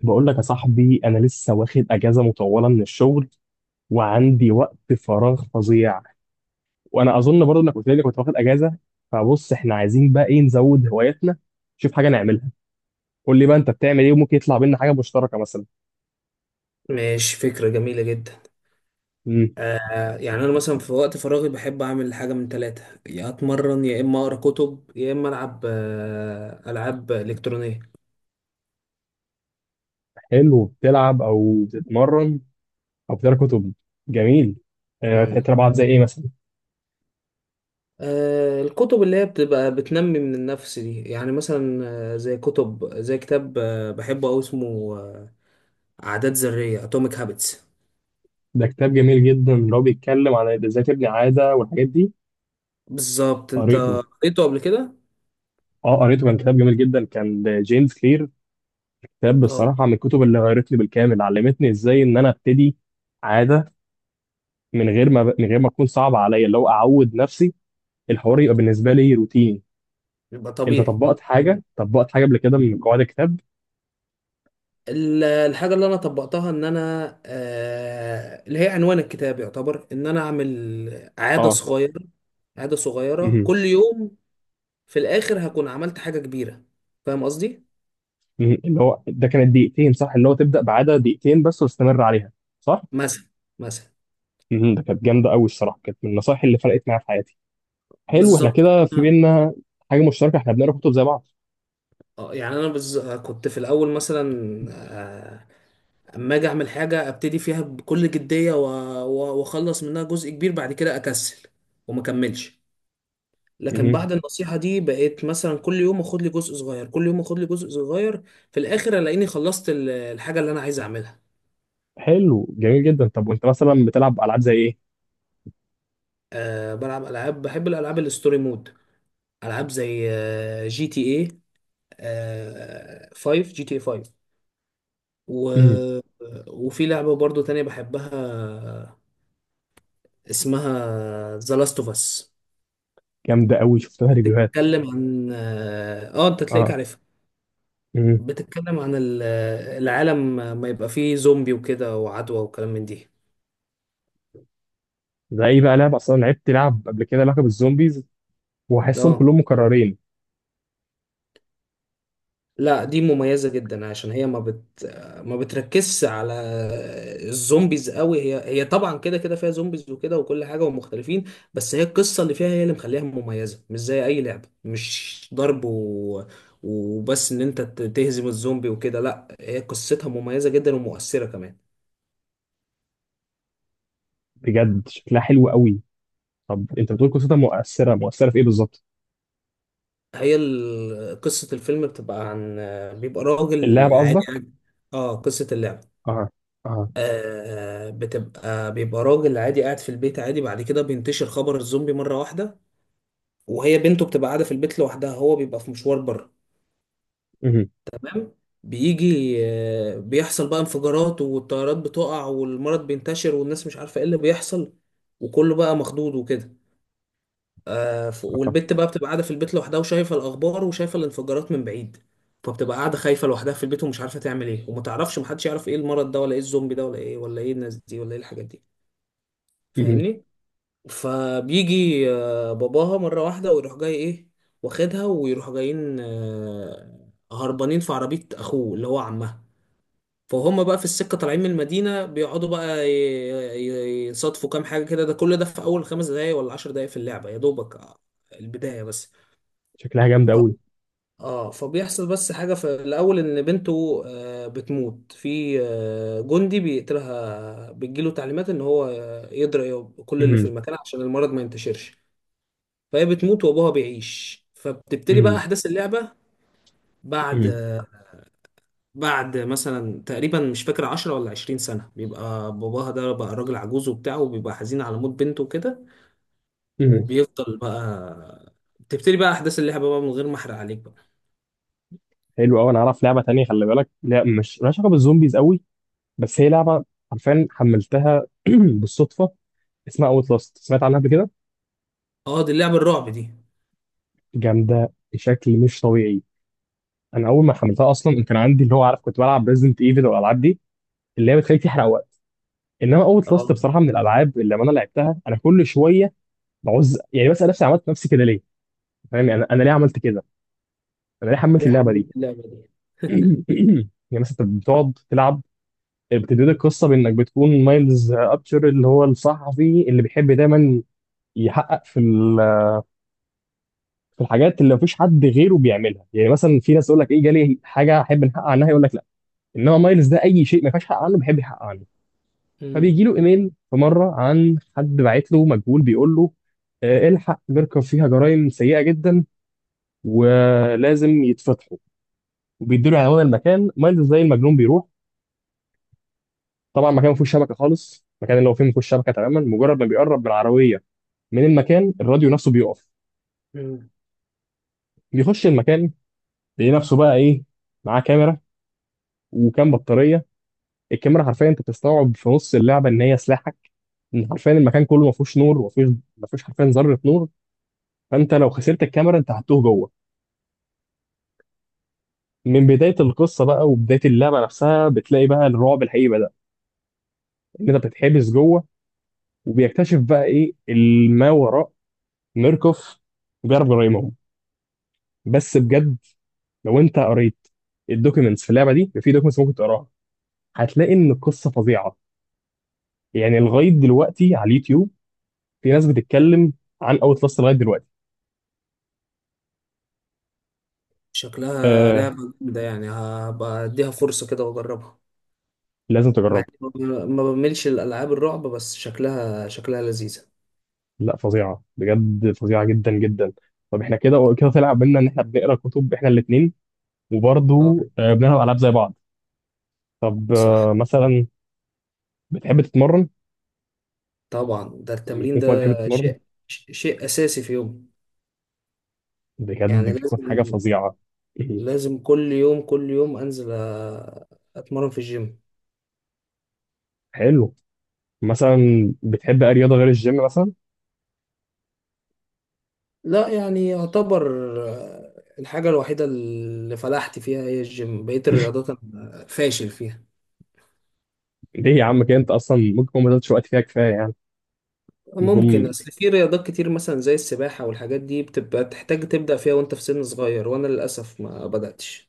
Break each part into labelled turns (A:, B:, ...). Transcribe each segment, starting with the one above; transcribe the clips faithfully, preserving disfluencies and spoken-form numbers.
A: بقول لك يا صاحبي، انا لسه واخد اجازه مطوله من الشغل، وعندي وقت فراغ فظيع. وانا اظن برضه انك قلت لي إنك كنت واخد اجازه. فبص، احنا عايزين بقى ايه؟ نزود هواياتنا، نشوف حاجه نعملها. قول لي بقى انت بتعمل ايه، وممكن يطلع بينا حاجه مشتركه مثلا.
B: ماشي، فكرة جميلة جدا.
A: امم
B: آه يعني أنا مثلا في وقت فراغي بحب أعمل حاجة من ثلاثة، يا أتمرن، يا إما أقرأ كتب، يا إما ألعب آه ألعاب إلكترونية.
A: حلو، بتلعب او بتتمرن او بتقرا كتب. جميل. أه،
B: مم.
A: بتقرا بعض زي ايه مثلا؟
B: آه الكتب اللي هي بتبقى بتنمي من النفس دي، يعني مثلا آه زي كتب، زي كتاب آه بحبه أوي، اسمه آه عادات ذرية، أتوميك هابتس.
A: ده كتاب جميل جدا، اللي هو بيتكلم عن ازاي تبني عاده والحاجات دي.
B: بالظبط. أنت
A: قريته.
B: قريته قبل كده؟
A: اه قريته، كان كتاب جميل جدا، كان جيمس كلير. كتاب
B: اه.
A: بصراحة من الكتب اللي غيرت لي بالكامل، علمتني ازاي ان انا ابتدي عادة من غير ما من غير ما تكون صعبة عليا، اللي هو اعود نفسي، الحوار يبقى بالنسبة لي روتيني.
B: يبقى
A: انت
B: طبيعي.
A: طبقت حاجة طبقت حاجة قبل كده من قواعد الكتاب؟
B: ال- الحاجة اللي أنا طبقتها إن أنا، آه، اللي هي عنوان الكتاب، يعتبر إن أنا أعمل عادة
A: اه.
B: صغيرة، عادة صغيرة
A: مهم.
B: كل يوم. في الآخر هكون عملت حاجة كبيرة. فاهم قصدي؟
A: مهم. اللي هو ده كانت دقيقتين، صح؟ اللي هو تبدأ بعادة دقيقتين بس واستمر عليها، صح؟
B: مثلا، مثلا.
A: مهم. ده كانت جامدة قوي الصراحة، كانت من النصائح اللي فرقت معايا في حياتي. حلو، احنا
B: بالظبط.
A: كده في
B: أنا
A: بينا حاجة مشتركة، احنا بنقرا كتب زي بعض.
B: آه، يعني أنا بز... كنت في الأول مثلا، آه، أما أجي أعمل حاجة أبتدي فيها بكل جدية و- و- وأخلص منها جزء كبير، بعد كده أكسل وما أكملش. لكن
A: مهم.
B: بعد النصيحة دي بقيت مثلا كل يوم اخد لي جزء صغير، كل يوم اخد لي جزء صغير. في الاخر الاقيني خلصت ال- الحاجة اللي انا عايز اعملها.
A: حلو جميل جدا. طب وانت مثلا بتلعب العاب زي ايه؟
B: أه بلعب العاب، بحب الالعاب الستوري مود. العاب زي آه، جي تي اي خمسة، جي تي اي خمسة. و- وفي لعبة برضو تانية بحبها، اسمها ذا لاست اوف اس.
A: جامده قوي، شفت لها ريفيوهات.
B: بتتكلم عن اه آه، انت تلاقيك
A: اه.
B: عارفها.
A: امم.
B: بتتكلم عن ال- العالم ما يبقى فيه زومبي وكده، وعدوى وكلام من دي.
A: ده ايه بقى لعبه؟ اصلا لعبت لعب قبل كده لعبه بالزومبيز واحسهم
B: اه.
A: كلهم مكررين.
B: لا، دي مميزة جدا، عشان هي ما بت ما بتركزش على الزومبيز قوي. هي هي طبعا كده كده فيها زومبيز وكده وكل حاجة، ومختلفين. بس هي القصة اللي فيها هي اللي مخليها مميزة، مش زي أي لعبة، مش ضرب و... وبس إن أنت ت- تهزم الزومبي وكده. لا، هي قصتها مميزة جدا ومؤثرة كمان.
A: بجد شكلها حلو قوي. طب انت بتقول قصتها مؤثره، مؤثره في ايه بالظبط؟
B: هي ال- قصة الفيلم بتبقى عن، بيبقى راجل
A: اللعبه
B: عادي
A: قصدك؟
B: عادي. اه، قصة اللعبة.
A: اه. اه.
B: آه بتبقى بيبقى راجل عادي قاعد في البيت عادي، بعد كده بينتشر خبر الزومبي مرة واحدة. وهي بنته بتبقى قاعدة في البيت لوحدها، هو بيبقى في مشوار بره.
A: امم.
B: تمام. بيجي آه بيحصل بقى انفجارات، والطيارات بتقع، والمرض بينتشر، والناس مش عارفة ايه اللي بيحصل، وكله بقى مخضوض وكده. آه ف-
A: آه.
B: والبت بقى بتبقى قاعدة في البيت لوحدها، وشايفة الأخبار وشايفة الانفجارات من بعيد. فبتبقى قاعدة خايفة لوحدها في البيت، ومش عارفة تعمل ايه، وما تعرفش، محدش يعرف ايه المرض ده، ولا ايه الزومبي ده، ولا ايه، ولا ايه الناس دي، ولا ايه الحاجات دي.
A: امم.
B: فاهمني. فبيجي آه، باباها مرة واحدة ويروح جاي ايه، واخدها ويروحوا جايين آه، هربانين في عربية اخوه اللي هو عمها. فهم بقى في السكة طالعين من المدينة، بيقعدوا بقى ي- ي- يصادفوا كام حاجة كده. ده كل ده في أول خمس دقايق ولا عشر دقايق في اللعبة يا دوبك، آه، البداية بس.
A: شكلها جامده قوي.
B: اه، فبيحصل بس حاجة في الأول، إن بنته آه، بتموت، في آه، جندي بيقتلها، بيجيله تعليمات إن هو آه، يضرب كل اللي في
A: امم.
B: المكان عشان المرض ما ينتشرش. فهي بتموت وابوها بيعيش، فبتبتدي بقى
A: امم.
B: احداث اللعبه. بعد
A: امم.
B: بعد مثلا تقريبا مش فاكر عشر ولا عشرين سنه، بيبقى باباها ده بقى راجل عجوز وبتاع، وبيبقى حزين على موت بنته وكده.
A: امم.
B: وبيفضل بقى، بتبتدي بقى احداث اللعبه بقى، من غير ما احرق عليك بقى.
A: حلو قوي. انا اعرف لعبه تانية، خلي بالك، لا مش مالهاش علاقه بالزومبيز قوي بس هي لعبه. عارفين حملتها بالصدفه. اسمها اوت لاست، سمعت عنها قبل كده؟
B: اه دي اللعبه الرعب دي.
A: جامده بشكل مش طبيعي. انا اول ما حملتها اصلا كان عندي اللي هو عارف، كنت بلعب ريزدنت ايفل والالعاب دي، اللي هي بتخليك تحرق وقت. انما اوت لاست
B: اه
A: بصراحه من الالعاب اللي لما انا لعبتها انا كل شويه بعوز يعني بسال نفسي، عملت نفسي كده ليه؟ فاهم يعني؟ انا أنا ليه عملت كده؟ انا ليه حملت
B: ليه
A: اللعبه دي؟
B: حملت اللعبه دي.
A: يعني مثلا انت بتقعد تلعب، بتبتدي القصه بانك بتكون مايلز ابشر، اللي هو الصحفي اللي بيحب دايما يحقق في ال- في الحاجات اللي مفيش حد غيره بيعملها. يعني مثلا في ناس يقول لك ايه؟ جالي حاجه احب نحقق عنها، يقول لك لا. انما مايلز ده اي شيء ما ينفعش يحقق عنه بيحب يحقق عنه. فبيجي
B: مم.
A: له ايميل في مره عن حد باعت له مجهول بيقول له آه، الحق ميركر فيها جرائم سيئه جدا ولازم يتفتحوا، وبيديله عنوان المكان. مايلز زي المجنون بيروح. طبعا مكان ما فيهوش شبكه خالص، المكان اللي هو فيه ما فيهوش شبكه تماما. مجرد ما بيقرب بالعربيه من المكان، الراديو نفسه بيقف.
B: مم.
A: بيخش المكان، بيلاقي نفسه بقى ايه؟ معاه كاميرا وكام بطاريه. الكاميرا حرفيا انت بتستوعب في نص اللعبه ان هي سلاحك. ان حرفيا المكان كله ما فيهوش نور وما فيهوش ما فيهوش حرفيا ذره نور. فانت لو خسرت الكاميرا انت هتتوه جوه. من بداية القصة بقى وبداية اللعبة نفسها بتلاقي بقى الرعب الحقيقي بدأ، إن أنت بتتحبس جوه، وبيكتشف بقى إيه الما وراء ميركوف وجارب جرايمهم. بس بجد لو أنت قريت الدوكيومنتس في اللعبة دي، في دوكيومنتس ممكن تقراها، هتلاقي إن القصة فظيعة. يعني لغاية دلوقتي على اليوتيوب في ناس بتتكلم عن أوت لاست لغاية دلوقتي.
B: شكلها
A: آه،
B: لعبة جامدة، يعني هبقى اديها فرصة كده واجربها،
A: لازم
B: مع
A: تجربها.
B: إني ما ما بملش الالعاب الرعب، بس شكلها شكلها لذيذة.
A: لا فظيعة بجد، فظيعة جدا جدا. طب احنا كده كده طلع بينا إن احنا بنقرا كتب احنا الاتنين،
B: آه.
A: وبرضه آه، بنلعب ألعاب زي بعض. طب
B: صح.
A: آه، مثلا بتحب تتمرن،
B: طبعا ده
A: لما
B: التمرين
A: يكون
B: ده
A: في وقت بتحب تتمرن؟
B: شيء ش- شيء أساسي في يومي.
A: بجد
B: يعني
A: بيكون حاجة
B: لازم،
A: فظيعة. إيه.
B: لازم كل يوم، كل يوم أنزل أ- أتمرن في الجيم.
A: حلو. مثلا بتحب أي رياضة غير الجيم مثلا؟
B: لا يعني يعتبر، آه، الحاجة الوحيدة اللي فلحت فيها هي الجيم، بقية الرياضات أنا فاشل فيها.
A: ليه يا عم كده؟ انت اصلا ممكن تكون ما بذلتش وقت فيها كفايه يعني.
B: ممكن،
A: ممكن.
B: أصل في رياضات كتير مثلا زي السباحة والحاجات دي بتبقى تحتاج تبدأ فيها وأنت في سن صغير، وأنا للأسف ما بدأتش.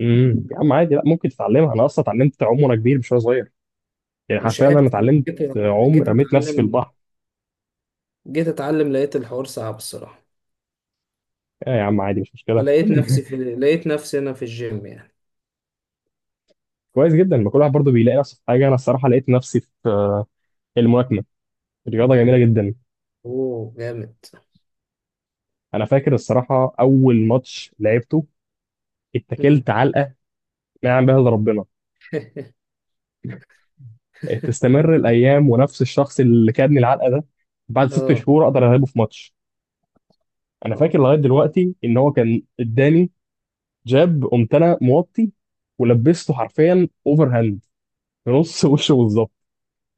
A: امم. يا عم عادي، لا ممكن تتعلمها. انا اصلا اتعلمت اعوم وانا كبير مش وانا صغير. يعني
B: مش
A: حرفيا انا
B: عارف.
A: اتعلمت
B: جيت
A: اعوم،
B: جيت
A: رميت نفسي في
B: أتعلم
A: البحر.
B: جيت أتعلم لقيت الحوار صعب الصراحة.
A: آه يا عم عادي، مش مشكله،
B: فلقيت
A: كلنا.
B: نفسي في لقيت نفسي انا في الجيم يعني.
A: كويس جدا، ما كل واحد برضه بيلاقي نفسه في حاجه. انا الصراحه لقيت نفسي في آه، الملاكمه، رياضه جميله جدا.
B: اوه جامد.
A: انا فاكر الصراحه اول ماتش لعبته،
B: مم.
A: اتكلت علقه ما يعلم بها الا ربنا. إيه، تستمر الايام ونفس الشخص اللي كادني العلقه ده بعد ست
B: اه.
A: شهور اقدر اغلبه في ماتش. انا فاكر
B: اه.
A: لغايه دلوقتي ان هو كان اداني جاب، قمت انا موطي ولبسته حرفيا اوفر هاند في نص وشه بالظبط.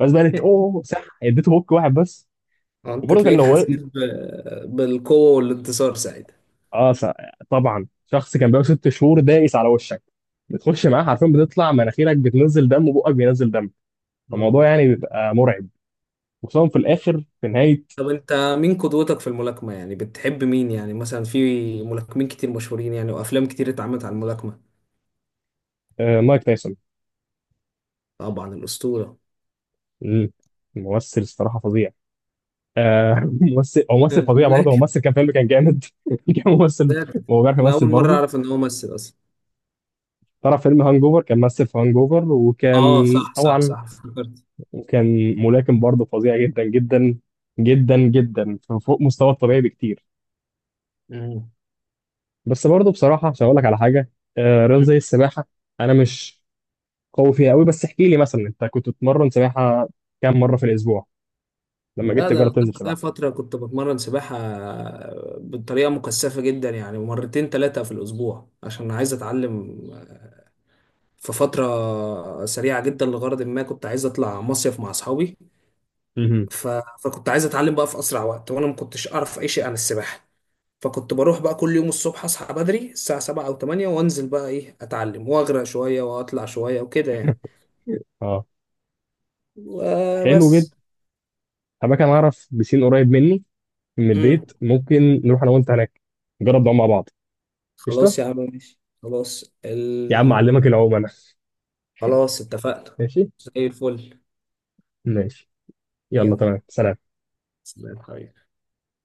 A: بس بقى قلت اوه صح، اديته هوك واحد بس
B: آه، انت
A: وبرضه كان
B: تلاقيك
A: لو.
B: حسيت ب... بالقوة والانتصار ساعتها.
A: اه صح. طبعا شخص كان بقى ست شهور دايس على وشك، بتخش معاه حرفيا بتطلع مناخيرك بتنزل دم وبقك بينزل دم. فالموضوع
B: اه.
A: يعني بيبقى مرعب، وخصوصا في الاخر في نهايه.
B: طب انت، مين قدوتك في الملاكمة؟ يعني بتحب مين؟ يعني مثلا في ملاكمين كتير مشهورين، يعني وافلام كتير اتعملت عن الملاكمة.
A: آه، مايك تايسون.
B: طبعا، الأسطورة.
A: مم. ممثل الصراحه فظيع. آه ممثل، هو ممثل
B: آه،
A: فظيع برضه. هو
B: ملاكم
A: ممثل كان فيلم كان جامد. كان ممثل،
B: ده،
A: هو بيعرف
B: انا
A: يمثل
B: اول مرة
A: برضه.
B: اعرف ان هو ممثل اصلا.
A: طلع فيلم هانج اوفر، كان ممثل في هانج اوفر، وكان.
B: اه صح صح
A: طبعا.
B: صح، افتكرت.
A: وكان ملاكم برضه فظيع جدا جدا جدا جدا، فوق مستوى الطبيعي بكتير. بس برضه بصراحه عشان اقول لك على حاجه، آه رياضه
B: مم.
A: زي السباحه، انا مش قوي فيها قوي. بس احكي لي مثلا، انت كنت بتتمرن سباحه كام مره في الاسبوع لما جيت
B: لا، ده
A: تجرب
B: انا
A: تنزل
B: ليا
A: سباحه؟
B: فتره كنت بتمرن سباحه بطريقه مكثفه جدا، يعني مرتين ثلاثه في الاسبوع، عشان عايز اتعلم في فتره سريعه جدا، لغرض ما كنت عايز اطلع مصيف مع اصحابي.
A: مهم.
B: ف... فكنت عايز اتعلم بقى في اسرع وقت، وانا ما كنتش اعرف اي شيء عن السباحه. فكنت بروح بقى كل يوم الصبح اصحى بدري الساعه سبعة او تمانية، وانزل بقى ايه اتعلم، واغرق شويه واطلع شويه وكده يعني.
A: اه. حلو.
B: وبس.
A: أما كان أعرف بسين قريب مني من
B: امم.
A: البيت، ممكن نروح أنا وأنت هناك نجرب نعوم مع بعض. قشطة.
B: خلاص يا عم ماشي، خلاص
A: يا عم أعلمك
B: ال...
A: العوم أنا.
B: خلاص اتفقنا،
A: ماشي.
B: زي الفل.
A: ماشي، يلا
B: يلا،
A: تمام سلام.
B: سلام حبيبي.